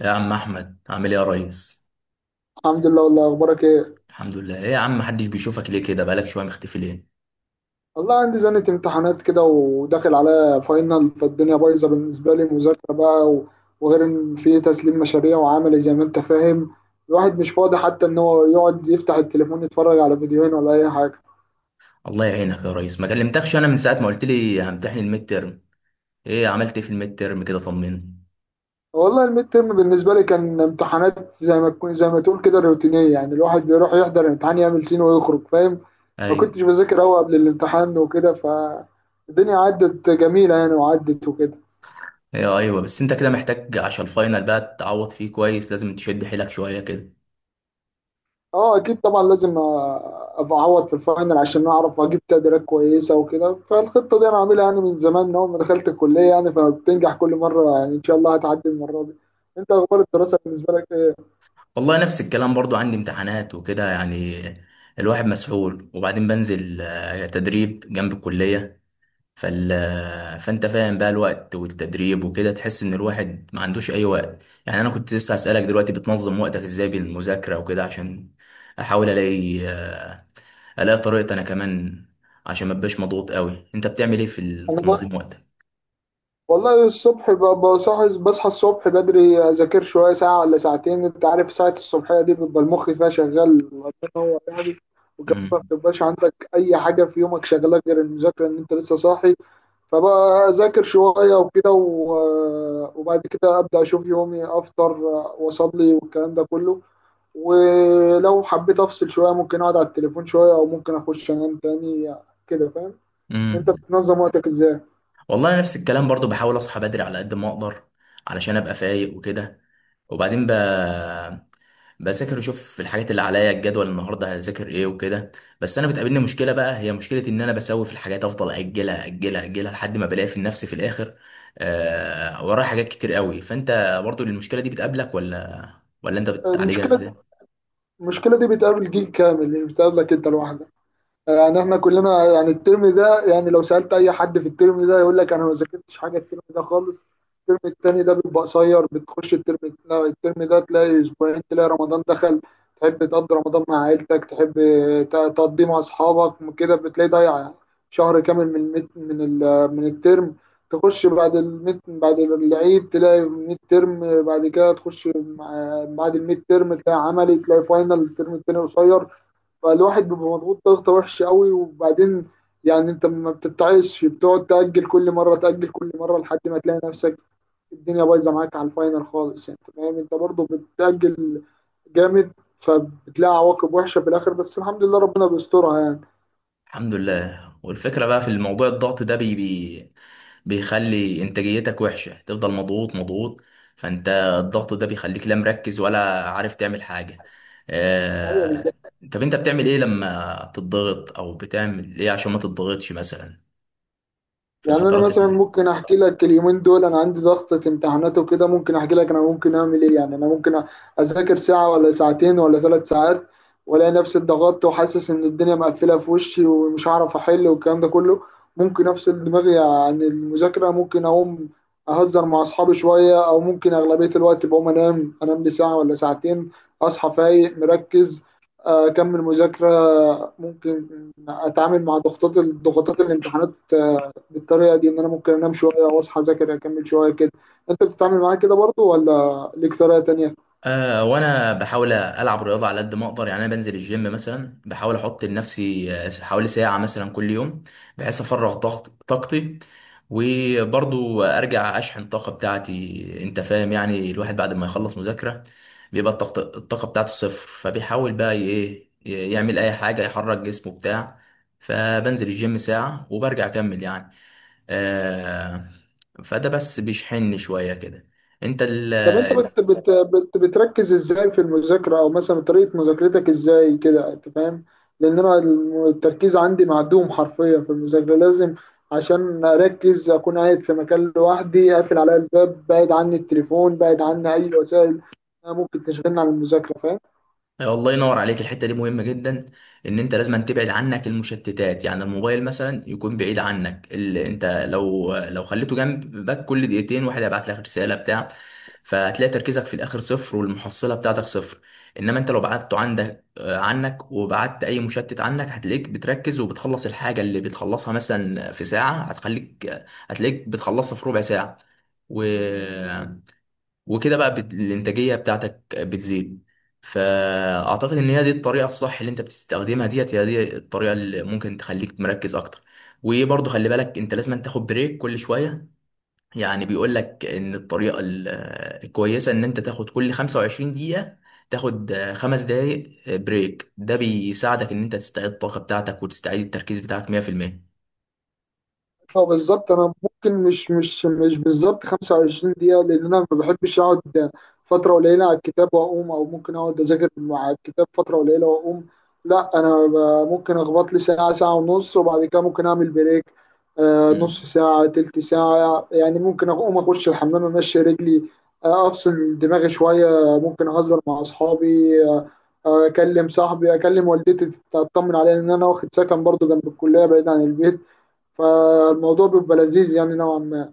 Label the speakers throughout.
Speaker 1: يا عم احمد عامل ايه يا ريس؟
Speaker 2: الحمد لله. والله، اخبارك ايه؟
Speaker 1: الحمد لله. ايه يا عم، محدش بيشوفك ليه كده؟ بقالك شويه مختفي ليه؟
Speaker 2: والله عندي زنة امتحانات كده وداخل على فاينل، فالدنيا بايظه بالنسبه لي مذاكره بقى، وغير ان في تسليم مشاريع وعملي زي ما انت فاهم. الواحد مش فاضي حتى ان هو يقعد يفتح التليفون يتفرج على فيديوهين ولا اي حاجه.
Speaker 1: الله يعينك يا ريس. ما كلمتكش انا من ساعه ما قلت لي همتحن الميد ترم. ايه، عملت ايه في الميد ترم كده؟ طمني.
Speaker 2: والله الميد ترم بالنسبه لي كان امتحانات، زي ما تقول كده روتينيه، يعني الواحد بيروح يحضر الامتحان يعمل سين ويخرج فاهم. ما
Speaker 1: ايوه
Speaker 2: كنتش بذاكر قوي قبل الامتحان وكده، فالدنيا عدت جميله يعني، وعدت وكده.
Speaker 1: ايوه ايوه، بس انت كده محتاج عشان الفاينل بقى تعوض فيه كويس، لازم تشد حيلك شويه كده.
Speaker 2: اه اكيد طبعا لازم، ابقى اعوض في الفاينل عشان اعرف اجيب تقديرات كويسه وكده. فالخطه دي انا عاملها يعني من زمان، من اول ما دخلت الكليه، يعني فبتنجح كل مره، يعني ان شاء الله هتعدي المره دي. انت اخبار الدراسه بالنسبه لك ايه؟
Speaker 1: والله نفس الكلام، برضو عندي امتحانات وكده يعني. الواحد مسحول، وبعدين بنزل تدريب جنب الكليه. فال... فانت فاهم بقى، الوقت والتدريب وكده تحس ان الواحد ما عندوش اي وقت. يعني انا كنت لسه هسألك دلوقتي، بتنظم وقتك ازاي بالمذاكرة وكده؟ عشان احاول الاقي الاقي طريقة انا كمان، عشان ما ابقاش مضغوط قوي. انت بتعمل ايه في
Speaker 2: انا بقى
Speaker 1: تنظيم وقتك؟
Speaker 2: والله الصبح، بصحى الصبح بدري، اذاكر شويه ساعه ولا ساعتين. انت عارف ساعه الصبحيه دي بيبقى المخ فيها شغال، الله ينور يعني. وكمان ما
Speaker 1: امم.
Speaker 2: بتبقاش عندك اي حاجه في يومك شغاله غير المذاكره، ان انت لسه صاحي. فبذاكر شوية وكده وبعد كده أبدأ أشوف يومي، أفطر وأصلي والكلام ده كله. ولو حبيت أفصل شوية، ممكن أقعد على التليفون شوية أو ممكن أخش أنام تاني، كده فاهم. أنت
Speaker 1: امم.
Speaker 2: بتنظم وقتك إزاي؟
Speaker 1: والله أنا نفس الكلام برضو، بحاول اصحى بدري على قد ما اقدر، علشان ابقى فايق وكده. وبعدين ب... بذاكر، اشوف الحاجات اللي عليا، الجدول النهارده هذاكر ايه وكده. بس انا بتقابلني مشكله بقى، هي مشكله ان انا بسوي في الحاجات افضل اجلها اجلها اجلها لحد ما بلاقي في نفسي في الاخر ورايا حاجات كتير قوي. فانت برضو المشكله دي بتقابلك ولا انت بتعالجها
Speaker 2: المشكلة
Speaker 1: ازاي؟
Speaker 2: المشكلة دي بتقابل جيل كامل، مش بتقابلك أنت لوحدك. يعني احنا كلنا، يعني الترم ده، يعني لو سألت اي حد في الترم ده يقول لك انا ما ذاكرتش حاجه الترم ده خالص. الترم التاني ده بيبقى قصير، بتخش الترم، لا، الترم ده تلاقي اسبوعين تلاقي رمضان دخل. تحب تقضي رمضان مع عيلتك، تحب تقضيه مع اصحابك، كده بتلاقي ضايع شهر كامل من الترم. تخش بعد العيد تلاقي ميد ترم، بعد كده تخش بعد الميد ترم تلاقي عملي، تلاقي فاينل، الترم التاني قصير. فالواحد بيبقى مضغوط ضغطة وحشة قوي. وبعدين يعني انت ما بتتعايش، بتقعد تأجل كل مرة، تأجل كل مرة، لحد ما تلاقي نفسك الدنيا بايظة معاك على الفاينل خالص، يعني، انت فاهم، انت برضه بتأجل جامد. فبتلاقي عواقب وحشة في الآخر، بس الحمد لله ربنا بيسترها يعني.
Speaker 1: الحمد لله. والفكرة بقى في الموضوع، الضغط ده بي بي بيخلي انتاجيتك وحشة، تفضل مضغوط مضغوط. فانت، الضغط ده بيخليك لا مركز ولا عارف تعمل حاجة.
Speaker 2: ايوه.
Speaker 1: آه... طب انت بتعمل ايه لما تضغط، او بتعمل ايه عشان ما تضغطش مثلا في
Speaker 2: يعني انا
Speaker 1: الفترات اللي
Speaker 2: مثلا
Speaker 1: زي دي؟
Speaker 2: ممكن احكي لك، اليومين دول انا عندي ضغطة امتحانات وكده، ممكن احكي لك انا ممكن اعمل ايه. يعني انا ممكن اذاكر ساعة ولا ساعتين ولا 3 ساعات، والاقي نفسي اتضغطت وحاسس ان الدنيا مقفلة في وشي ومش هعرف احل والكلام ده كله. ممكن افصل دماغي عن المذاكرة، ممكن اقوم اهزر مع اصحابي شوية، او ممكن، اغلبية الوقت، بقوم انام لي ساعة ولا ساعتين، اصحى فايق مركز، اكمل مذاكرة. ممكن اتعامل مع ضغوطات الامتحانات بالطريقه دي، ان انا ممكن انام شويه واصحى اذاكر اكمل شويه كده. انت بتتعامل معاه كده برضو ولا ليك طريقه تانية؟
Speaker 1: أه، وانا بحاول العب رياضه على قد ما اقدر. يعني انا بنزل الجيم مثلا، بحاول احط لنفسي حوالي ساعه مثلا كل يوم، بحيث افرغ طاقتي، وبرضو ارجع اشحن الطاقه بتاعتي. انت فاهم؟ يعني الواحد بعد ما يخلص مذاكره بيبقى الطاقة بتاعته صفر، فبيحاول بقى ايه، يعمل اي حاجه يحرك جسمه بتاع. فبنزل الجيم ساعه وبرجع اكمل يعني. أه. فده بس بيشحنني شويه كده. انت
Speaker 2: طب انت
Speaker 1: ال-
Speaker 2: بت بت بت بتركز ازاي في المذاكره، او مثلا طريقه مذاكرتك ازاي كده انت فاهم؟ لان انا التركيز عندي معدوم حرفيا في المذاكره. لازم عشان اركز اكون قاعد في مكان لوحدي، قافل عليا الباب، بعيد عني التليفون، بعيد عني اي وسائل ممكن تشغلني عن المذاكره، فاهم.
Speaker 1: أيوة، الله ينور عليك. الحته دي مهمه جدا، ان انت لازم تبعد عنك المشتتات. يعني الموبايل مثلا يكون بعيد عنك، اللي انت لو خليته جنبك كل دقيقتين واحد هيبعت لك رساله بتاع، فهتلاقي تركيزك في الاخر صفر والمحصله بتاعتك صفر. انما انت لو بعدته عندك عنك، وبعدت اي مشتت عنك، هتلاقيك بتركز وبتخلص الحاجه اللي بتخلصها مثلا في ساعه، هتخليك هتلاقيك بتخلصها في ربع ساعه. و... وكده بقى الانتاجيه بتاعتك بتزيد. فاعتقد ان هي دي الطريقه الصح اللي انت بتستخدمها، ديت هي دي الطريقه اللي ممكن تخليك مركز اكتر. وبرضه خلي بالك انت لازم تاخد بريك كل شويه. يعني بيقول لك ان الكويسه ان انت تاخد كل 25 دقيقه، تاخد خمس دقايق بريك. ده بيساعدك ان انت تستعيد الطاقه بتاعتك وتستعيد التركيز بتاعك 100%.
Speaker 2: هو بالظبط انا ممكن مش بالظبط 25 دقيقه، لان انا ما بحبش اقعد فتره قليله على الكتاب واقوم، او ممكن اقعد اذاكر مع الكتاب فتره قليله واقوم. لا انا ممكن اخبط لي ساعه، ساعه ونص، وبعد كده ممكن اعمل بريك، نص ساعه، تلت ساعه، يعني ممكن اقوم اخش الحمام، امشي رجلي، افصل دماغي شويه، ممكن اهزر مع اصحابي. اكلم صاحبي، اكلم والدتي تطمن عليا، ان انا واخد سكن برضو جنب الكليه بعيد عن البيت، فالموضوع بيبقى لذيذ يعني نوعا ما.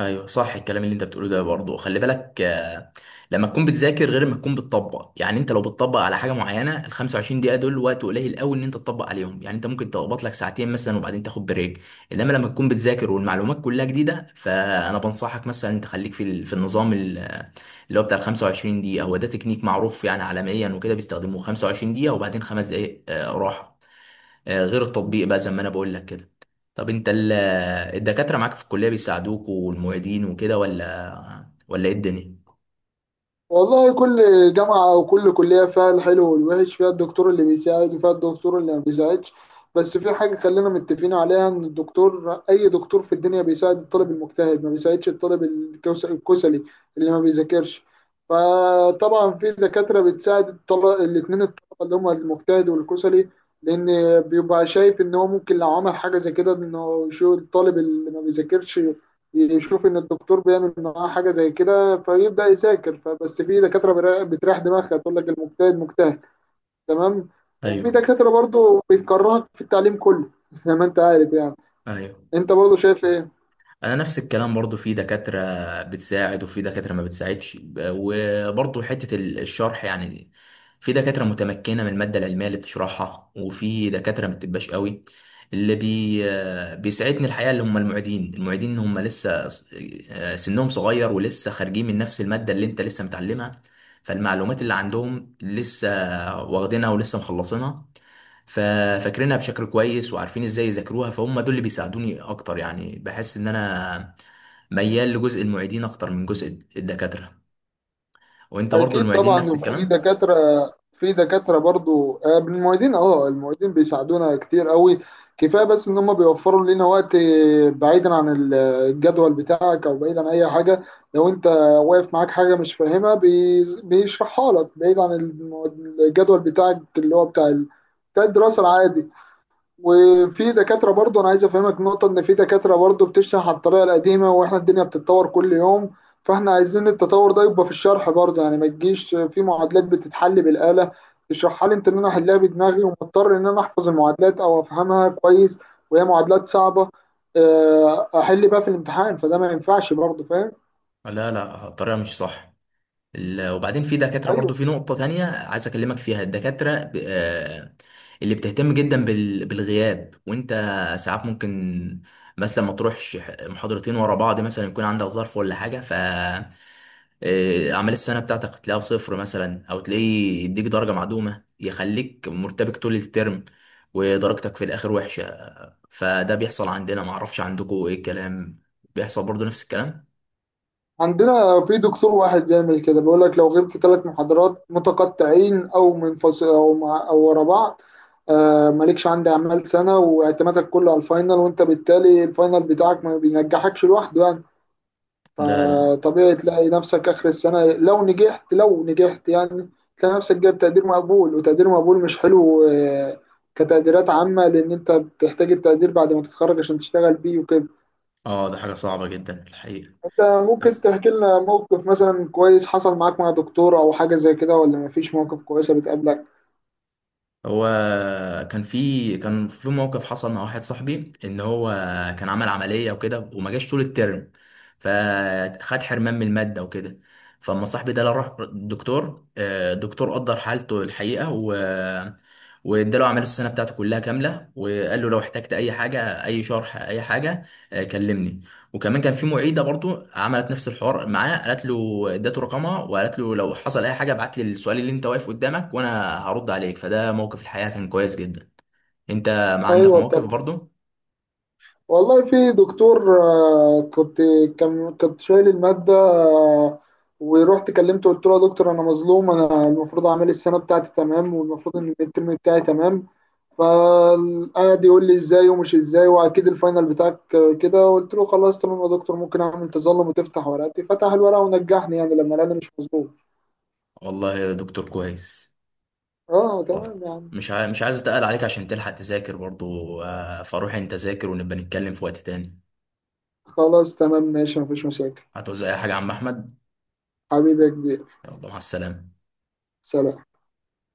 Speaker 1: ايوه صح، الكلام اللي انت بتقوله ده برضه خلي بالك لما تكون بتذاكر غير ما تكون بتطبق. يعني انت لو بتطبق على حاجه معينه ال 25 دقيقه دول وقت قليل قوي ان انت تطبق عليهم. يعني انت ممكن تقبط لك ساعتين مثلا وبعدين تاخد بريك. انما لما تكون بتذاكر والمعلومات كلها جديده، فانا بنصحك مثلا انت خليك في في اللي هو بتاع ال 25 دقيقه. هو ده تكنيك معروف يعني عالميا وكده، بيستخدموه 25 دقيقه وبعدين خمس دقائق راحه. غير التطبيق بقى زي ما انا بقول لك كده. طب انت ال- الدكاترة معاك في الكلية بيساعدوك، والمعيدين وكده، ولا ايه الدنيا؟
Speaker 2: والله كل جامعة أو كل كلية فيها الحلو والوحش، فيها الدكتور اللي بيساعد وفيها الدكتور اللي ما بيساعدش. بس في حاجة خلينا متفقين عليها، إن الدكتور، أي دكتور في الدنيا، بيساعد الطالب المجتهد، ما بيساعدش الطالب الكسلي اللي ما بيذاكرش. فطبعا في دكاترة بتساعد الطلبة الاتنين، الطلبة اللي هما المجتهد والكسلي، لأن بيبقى شايف إن هو ممكن لو عمل حاجة زي كده، إنه شو الطالب اللي ما بيذاكرش يشوف إن الدكتور بيعمل معاه حاجة زي كده فيبدا يذاكر. فبس في دكاتره بتريح دماغها تقول لك المجتهد مجتهد، تمام. وفي
Speaker 1: ايوه
Speaker 2: دكاتره برضو بتكرهك في التعليم كله زي ما انت عارف يعني.
Speaker 1: ايوه،
Speaker 2: انت برضو شايف ايه؟
Speaker 1: انا نفس الكلام برضو، في دكاترة بتساعد وفي دكاترة ما بتساعدش. وبرضو حتة الشرح يعني، في دكاترة متمكنة من المادة العلمية اللي بتشرحها، وفي دكاترة ما بتبقاش قوي. اللي بيساعدني الحقيقة اللي هم المعيدين هم لسه سنهم صغير، ولسه خارجين من نفس المادة اللي انت لسه متعلمها، فالمعلومات اللي عندهم لسه واخدينها ولسه مخلصينها، ففاكرينها بشكل كويس وعارفين ازاي يذاكروها. فهم دول اللي بيساعدوني اكتر، يعني بحس ان انا ميال لجزء المعيدين اكتر من جزء الدكاترة. وانت برضو
Speaker 2: اكيد
Speaker 1: المعيدين
Speaker 2: طبعا.
Speaker 1: نفس
Speaker 2: وفي
Speaker 1: الكلام؟
Speaker 2: دكاتره، في دكاتره برضو، المعيدين، المعيدين بيساعدونا كتير قوي. كفايه بس ان هم بيوفروا لنا وقت، بعيدا عن الجدول بتاعك، او بعيد عن اي حاجه، لو انت واقف معاك حاجه مش فاهمها بيشرحها لك، بعيد عن الجدول بتاعك اللي هو بتاع الدراسه العادي. وفي دكاترة برضه أنا عايز أفهمك نقطة، إن في دكاترة برضه بتشرح عن الطريقة القديمة، وإحنا الدنيا بتتطور كل يوم، فإحنا عايزين التطور ده يبقى في الشرح برضه. يعني ما تجيش في معادلات بتتحل بالآلة تشرحها لي أنت إن أنا أحلها بدماغي، ومضطر إن أنا أحفظ المعادلات أو أفهمها كويس، وهي معادلات صعبة، أحل بقى في الامتحان، فده ما ينفعش برضه، فاهم؟
Speaker 1: لا، لا، الطريقة مش صح. وبعدين في دكاترة برضو،
Speaker 2: أيوه.
Speaker 1: في نقطة تانية عايز أكلمك فيها. الدكاترة اللي بتهتم جدا بالغياب، وأنت ساعات ممكن مثلا ما تروحش محاضرتين ورا بعض، مثلا يكون عندك ظرف ولا حاجة، ف أعمال السنة بتاعتك تلاقيها بصفر مثلا، أو تلاقيه يديك درجة معدومة يخليك مرتبك طول الترم، ودرجتك في الآخر وحشة. فده بيحصل عندنا، معرفش عندكم إيه الكلام. بيحصل برضو نفس الكلام؟
Speaker 2: عندنا في دكتور واحد بيعمل كده، بيقول لك لو غبت 3 محاضرات متقطعين او منفصل او مع او ورا بعض، آه، مالكش عندي اعمال سنه، واعتمادك كله على الفاينل، وانت بالتالي الفاينل بتاعك ما بينجحكش لوحده يعني.
Speaker 1: لا، لا.
Speaker 2: فطبيعي تلاقي نفسك اخر السنه، لو نجحت، لو نجحت يعني، تلاقي نفسك جايب تقدير مقبول، وتقدير مقبول مش حلو. كتقديرات عامه، لان انت بتحتاج التقدير بعد ما تتخرج عشان تشتغل بيه وكده.
Speaker 1: اه، ده حاجة صعبة جدا الحقيقة.
Speaker 2: انت ممكن
Speaker 1: بس
Speaker 2: تحكي لنا موقف مثلا كويس حصل معاك مع دكتور او حاجه زي كده، ولا مفيش مواقف كويسه بتقابلك؟
Speaker 1: هو كان في موقف حصل مع واحد صاحبي، ان هو كان عمل عمليه وكده وما جاش طول الترم، فخد حرمان من الماده وكده. فاما صاحبي ده راح الدكتور، الدكتور قدر حالته الحقيقه، واداله اعمال السنه بتاعته كلها كامله، وقال له لو احتجت اي حاجه، اي شرح اي حاجه، كلمني. وكمان كان في معيده برضو عملت نفس الحوار معاه، قالت له، ادته رقمها وقالت له لو حصل اي حاجه ابعت لي السؤال اللي انت واقف قدامك وانا هرد عليك. فده موقف الحقيقه كان كويس جدا. انت ما عندك
Speaker 2: ايوه
Speaker 1: مواقف
Speaker 2: طبعا.
Speaker 1: برضو؟
Speaker 2: والله في دكتور، كنت، كنت شايل الماده، ورحت كلمته، قلت له يا دكتور انا مظلوم، انا المفروض اعمل السنه بتاعتي تمام، والمفروض ان الترم بتاعي تمام. فقعد يقول لي ازاي ومش ازاي واكيد الفاينل بتاعك، كده. قلت له خلاص تمام يا دكتور، ممكن اعمل تظلم وتفتح ورقتي. فتح الورقه ونجحني، يعني لما انا مش مظلوم.
Speaker 1: والله يا دكتور كويس.
Speaker 2: اه
Speaker 1: برضو،
Speaker 2: تمام يعني.
Speaker 1: مش عايز اتقل عليك عشان تلحق تذاكر برضو. فروح انت ذاكر ونبقى نتكلم في وقت تاني.
Speaker 2: خلاص تمام ماشي مفيش مشاكل.
Speaker 1: هتعوز اي حاجه يا عم احمد؟
Speaker 2: حبيبي يا كبير.
Speaker 1: يلا مع السلامه.
Speaker 2: سلام.